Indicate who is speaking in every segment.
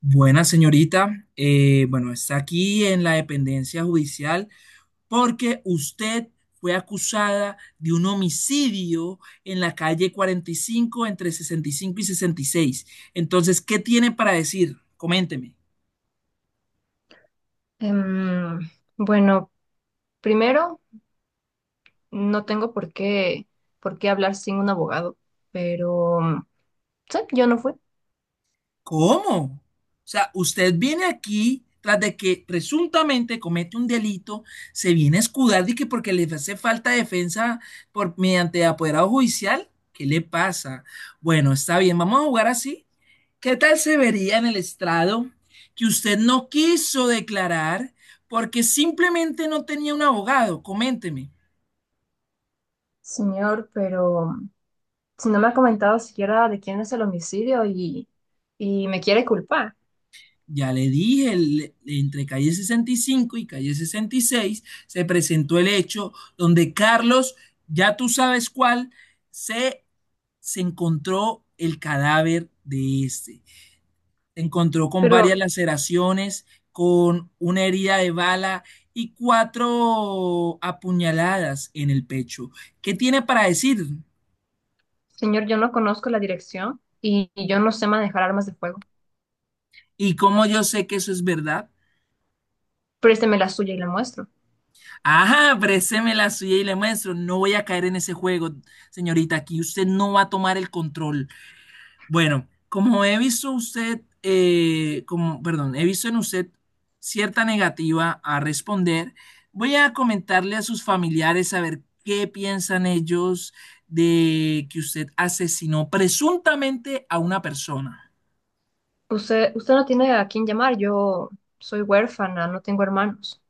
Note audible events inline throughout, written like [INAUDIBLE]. Speaker 1: Buena señorita. Bueno, está aquí en la dependencia judicial porque usted fue acusada de un homicidio en la calle 45 entre 65 y 66. Entonces, ¿qué tiene para decir? Coménteme.
Speaker 2: Em, bueno, primero, no tengo por qué hablar sin un abogado, pero sí, yo no fui.
Speaker 1: ¿Cómo? O sea, usted viene aquí tras de que presuntamente comete un delito, se viene a escudar de que porque le hace falta defensa por mediante apoderado judicial. ¿Qué le pasa? Bueno, está bien, vamos a jugar así. ¿Qué tal se vería en el estrado que usted no quiso declarar porque simplemente no tenía un abogado? Coménteme.
Speaker 2: Señor, pero si no me ha comentado siquiera de quién es el homicidio y me quiere culpar.
Speaker 1: Ya le dije, entre calle 65 y calle 66 se presentó el hecho donde Carlos, ya tú sabes cuál, se, se encontró el cadáver de este. Se encontró con
Speaker 2: Pero,
Speaker 1: varias laceraciones, con una herida de bala y cuatro apuñaladas en el pecho. ¿Qué tiene para decir?
Speaker 2: señor, yo no conozco la dirección y yo no sé manejar armas de fuego.
Speaker 1: ¿Y cómo yo sé que eso es verdad?
Speaker 2: Présteme la suya y la muestro.
Speaker 1: Ajá, présteme la suya y le muestro. No voy a caer en ese juego, señorita. Aquí usted no va a tomar el control. Bueno, como he visto usted, como, perdón, he visto en usted cierta negativa a responder, voy a comentarle a sus familiares a ver qué piensan ellos de que usted asesinó presuntamente a una persona.
Speaker 2: Usted no tiene a quién llamar, yo soy huérfana, no tengo hermanos.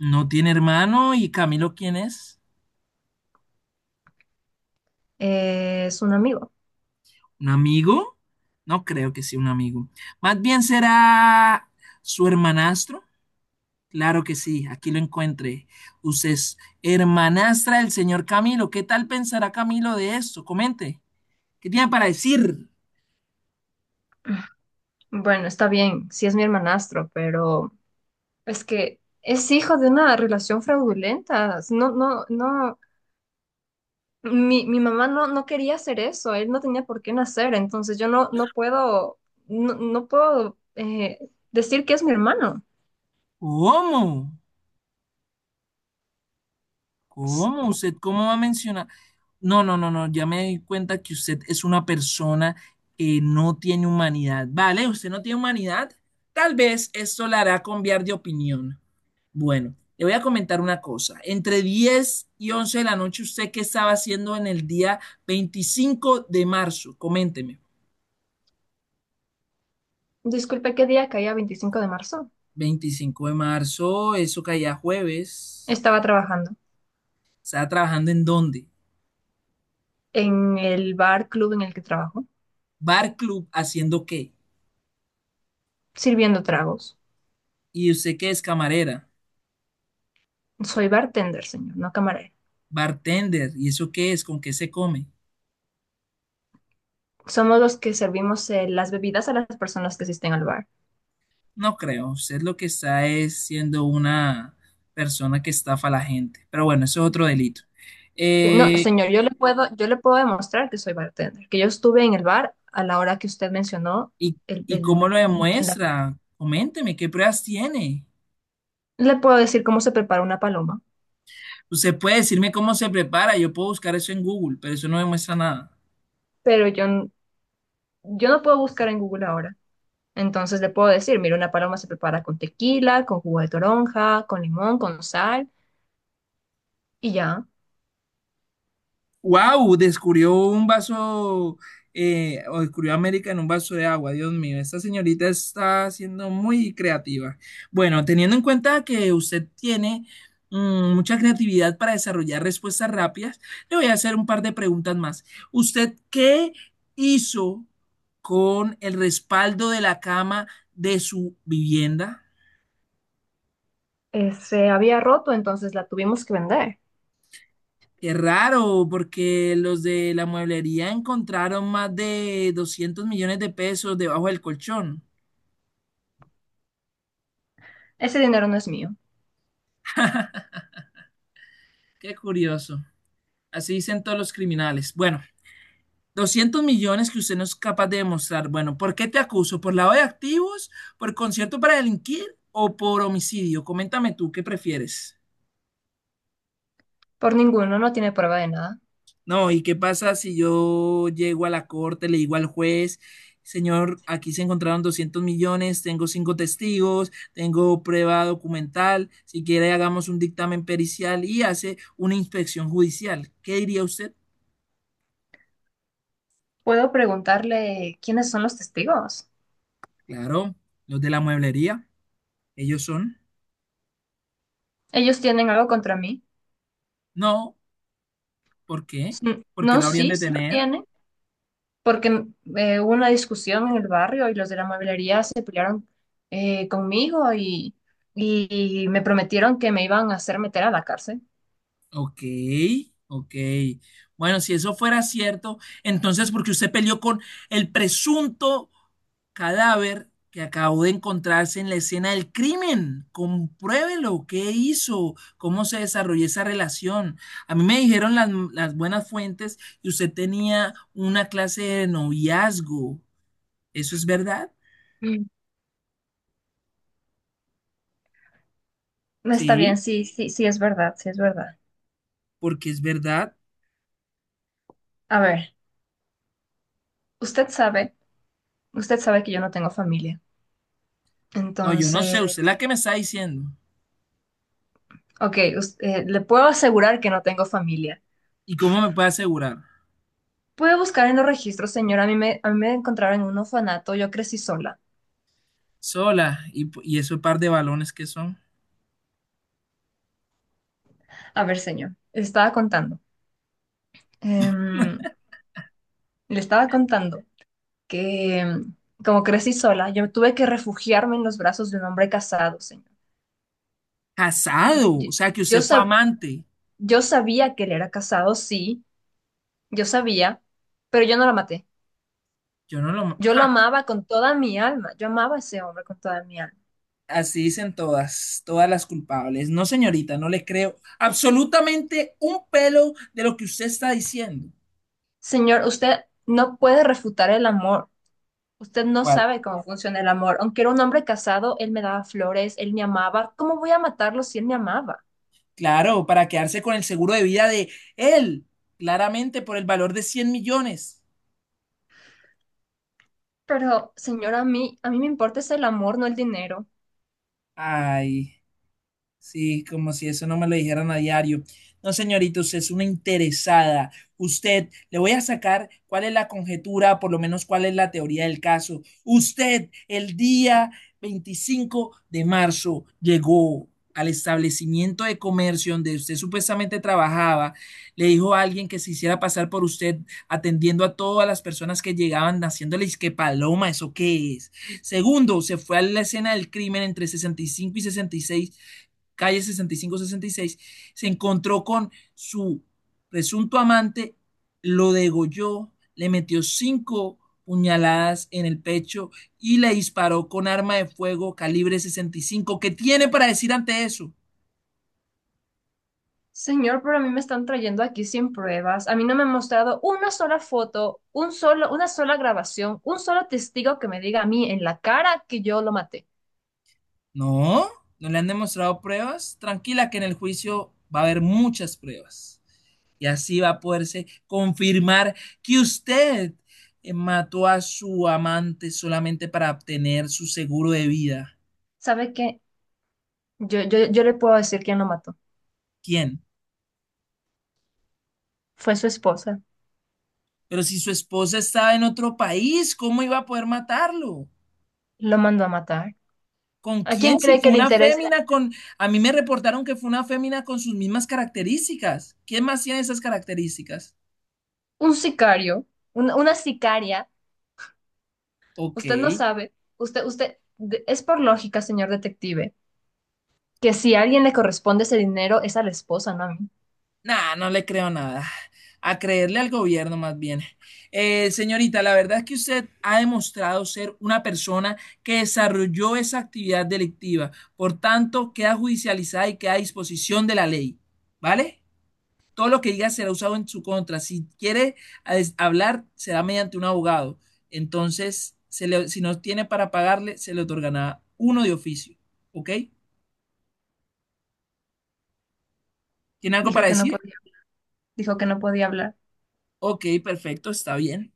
Speaker 1: No tiene hermano y Camilo, ¿quién es?
Speaker 2: Es un amigo.
Speaker 1: ¿Un amigo? No creo que sea un amigo. Más bien será su hermanastro. Claro que sí, aquí lo encuentre. Usted es hermanastra del señor Camilo. ¿Qué tal pensará Camilo de esto? Comente. ¿Qué tiene para decir?
Speaker 2: Bueno, está bien, sí es mi hermanastro, pero es que es hijo de una relación fraudulenta. No, no, no. Mi mamá no, no quería hacer eso, él no tenía por qué nacer, entonces yo no, no puedo, no, no puedo decir que es mi hermano.
Speaker 1: ¿Cómo?
Speaker 2: S-
Speaker 1: ¿Cómo? ¿Usted cómo va a mencionar? No, no, no, no. Ya me di cuenta que usted es una persona que no tiene humanidad. Vale, usted no tiene humanidad. Tal vez esto la hará cambiar de opinión. Bueno, le voy a comentar una cosa. Entre 10 y 11 de la noche, ¿usted qué estaba haciendo en el día 25 de marzo? Coménteme.
Speaker 2: Disculpe, ¿qué día caía 25 de marzo?
Speaker 1: 25 de marzo, eso caía jueves.
Speaker 2: Estaba trabajando
Speaker 1: ¿Estaba trabajando en dónde?
Speaker 2: en el bar club en el que trabajo,
Speaker 1: Bar club, ¿haciendo qué?
Speaker 2: sirviendo tragos.
Speaker 1: ¿Y usted qué es camarera?
Speaker 2: Soy bartender, señor, no camarero.
Speaker 1: Bartender, ¿y eso qué es? ¿Con qué se come?
Speaker 2: Somos los que servimos las bebidas a las personas que asisten al bar.
Speaker 1: No creo. Usted lo que está es siendo una persona que estafa a la gente. Pero bueno, eso es otro delito.
Speaker 2: No,
Speaker 1: Eh,
Speaker 2: señor, yo le puedo demostrar que soy bartender, que yo estuve en el bar a la hora que usted mencionó
Speaker 1: ¿Y,
Speaker 2: el,
Speaker 1: y
Speaker 2: el-
Speaker 1: cómo lo
Speaker 2: en la fecha.
Speaker 1: demuestra? Coménteme, ¿qué pruebas tiene?
Speaker 2: Le puedo decir cómo se prepara una paloma,
Speaker 1: Usted puede decirme cómo se prepara, yo puedo buscar eso en Google, pero eso no demuestra nada.
Speaker 2: pero yo no puedo buscar en Google ahora. Entonces le puedo decir, mira, una paloma se prepara con tequila, con jugo de toronja, con limón, con sal, y ya.
Speaker 1: Wow, descubrió un vaso, o descubrió América en un vaso de agua. Dios mío, esta señorita está siendo muy creativa. Bueno, teniendo en cuenta que usted tiene mucha creatividad para desarrollar respuestas rápidas, le voy a hacer un par de preguntas más. ¿Usted qué hizo con el respaldo de la cama de su vivienda?
Speaker 2: Se había roto, entonces la tuvimos que vender.
Speaker 1: Qué raro, porque los de la mueblería encontraron más de 200 millones de pesos debajo del colchón.
Speaker 2: Ese dinero no es mío.
Speaker 1: [LAUGHS] Qué curioso. Así dicen todos los criminales. Bueno, 200 millones que usted no es capaz de demostrar. Bueno, ¿por qué te acuso? ¿Por lavado de activos? ¿Por concierto para delinquir? ¿O por homicidio? Coméntame tú, ¿qué prefieres?
Speaker 2: Por ninguno, no tiene prueba de nada.
Speaker 1: No, ¿y qué pasa si yo llego a la corte, le digo al juez, señor, aquí se encontraron 200 millones, tengo cinco testigos, tengo prueba documental, si quiere hagamos un dictamen pericial y hace una inspección judicial? ¿Qué diría usted?
Speaker 2: Puedo preguntarle quiénes son los testigos.
Speaker 1: Claro, los de la mueblería, ellos son.
Speaker 2: Ellos tienen algo contra mí.
Speaker 1: No, ¿por qué?
Speaker 2: Mm,
Speaker 1: ¿Por qué
Speaker 2: no,
Speaker 1: lo habrían
Speaker 2: sí,
Speaker 1: de
Speaker 2: sí lo
Speaker 1: tener?
Speaker 2: tiene, porque hubo una discusión en el barrio y los de la mueblería se pelearon conmigo y me prometieron que me iban a hacer meter a la cárcel.
Speaker 1: Ok, ok. Bueno, si eso fuera cierto, entonces porque usted peleó con el presunto cadáver que acabó de encontrarse en la escena del crimen. Compruébelo, ¿qué hizo? ¿Cómo se desarrolló esa relación? A mí me dijeron las buenas fuentes que usted tenía una clase de noviazgo. ¿Eso es verdad?
Speaker 2: Mm. No. Está bien,
Speaker 1: Sí,
Speaker 2: sí, sí, sí, es verdad, sí, es verdad.
Speaker 1: porque es verdad.
Speaker 2: A ver, usted sabe, usted sabe que yo no tengo familia.
Speaker 1: No, yo no
Speaker 2: Entonces,
Speaker 1: sé, usted es la que me está diciendo.
Speaker 2: ok, le puedo asegurar que no tengo familia.
Speaker 1: ¿Y cómo me puede asegurar?
Speaker 2: Puede buscar en los registros, señor. A mí me encontraron en un orfanato, yo crecí sola.
Speaker 1: Sola. Y ese par de balones que son
Speaker 2: A ver, señor, estaba contando. em, Le estaba contando que como crecí sola, yo tuve que refugiarme en los brazos de un hombre casado, señor. Y-
Speaker 1: casado. O
Speaker 2: y-
Speaker 1: sea, que
Speaker 2: Yo,
Speaker 1: usted fue
Speaker 2: sab-
Speaker 1: amante.
Speaker 2: yo sabía que él era casado, sí, yo sabía, pero yo no lo maté.
Speaker 1: Yo no lo.
Speaker 2: Yo lo
Speaker 1: Ja,
Speaker 2: amaba con toda mi alma, yo amaba a ese hombre con toda mi alma.
Speaker 1: así dicen todas, todas las culpables. No, señorita, no le creo absolutamente un pelo de lo que usted está diciendo.
Speaker 2: Señor, usted no puede refutar el amor. Usted no
Speaker 1: ¿Cuál?
Speaker 2: sabe cómo funciona el amor. Aunque era un hombre casado, él me daba flores, él me amaba. ¿Cómo voy a matarlo si él me amaba?
Speaker 1: Claro, para quedarse con el seguro de vida de él, claramente por el valor de 100 millones.
Speaker 2: Pero, señor, a mí me importa es el amor, no el dinero.
Speaker 1: Ay. Sí, como si eso no me lo dijeran a diario. No, señorita, usted es una interesada. Usted, le voy a sacar cuál es la conjetura, por lo menos cuál es la teoría del caso. Usted, el día 25 de marzo, llegó al establecimiento de comercio donde usted supuestamente trabajaba. Le dijo a alguien que se hiciera pasar por usted, atendiendo a todas las personas que llegaban, haciéndoles que paloma, ¿eso qué es? Segundo, se fue a la escena del crimen entre 65 y sesenta y seis calle 60 65 66 se encontró con su presunto amante, lo degolló, le metió cinco puñaladas en el pecho y le disparó con arma de fuego calibre 65. ¿Qué tiene para decir ante eso?
Speaker 2: Señor, pero a mí me están trayendo aquí sin pruebas. A mí no me han mostrado una sola foto, un solo, una sola grabación, un solo testigo que me diga a mí en la cara que yo lo maté.
Speaker 1: No, no le han demostrado pruebas. Tranquila que en el juicio va a haber muchas pruebas. Y así va a poderse confirmar que usted mató a su amante solamente para obtener su seguro de vida.
Speaker 2: ¿Sabe qué? Yo le puedo decir quién lo mató.
Speaker 1: ¿Quién?
Speaker 2: Fue su esposa.
Speaker 1: Pero si su esposa estaba en otro país, ¿cómo iba a poder matarlo?
Speaker 2: Lo mandó a matar.
Speaker 1: ¿Con
Speaker 2: ¿A quién
Speaker 1: quién? Si
Speaker 2: cree
Speaker 1: fue
Speaker 2: que le
Speaker 1: una
Speaker 2: interesa?
Speaker 1: fémina. Con... A mí me reportaron que fue una fémina con sus mismas características. ¿Quién más tiene esas características?
Speaker 2: Un sicario, una sicaria.
Speaker 1: Ok.
Speaker 2: Usted no sabe. Es por lógica, señor detective, que si a alguien le corresponde ese dinero es a la esposa, no a mí.
Speaker 1: Nah, no le creo nada. A creerle al gobierno más bien. Señorita, la verdad es que usted ha demostrado ser una persona que desarrolló esa actividad delictiva. Por tanto, queda judicializada y queda a disposición de la ley. ¿Vale? Todo lo que diga será usado en su contra. Si quiere hablar, será mediante un abogado. Entonces, si no tiene para pagarle, se le otorgará uno de oficio. ¿Ok? ¿Tiene algo para
Speaker 2: Dijo que no
Speaker 1: decir?
Speaker 2: podía, dijo que no podía hablar.
Speaker 1: Ok, perfecto, está bien.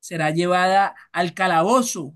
Speaker 1: Será llevada al calabozo.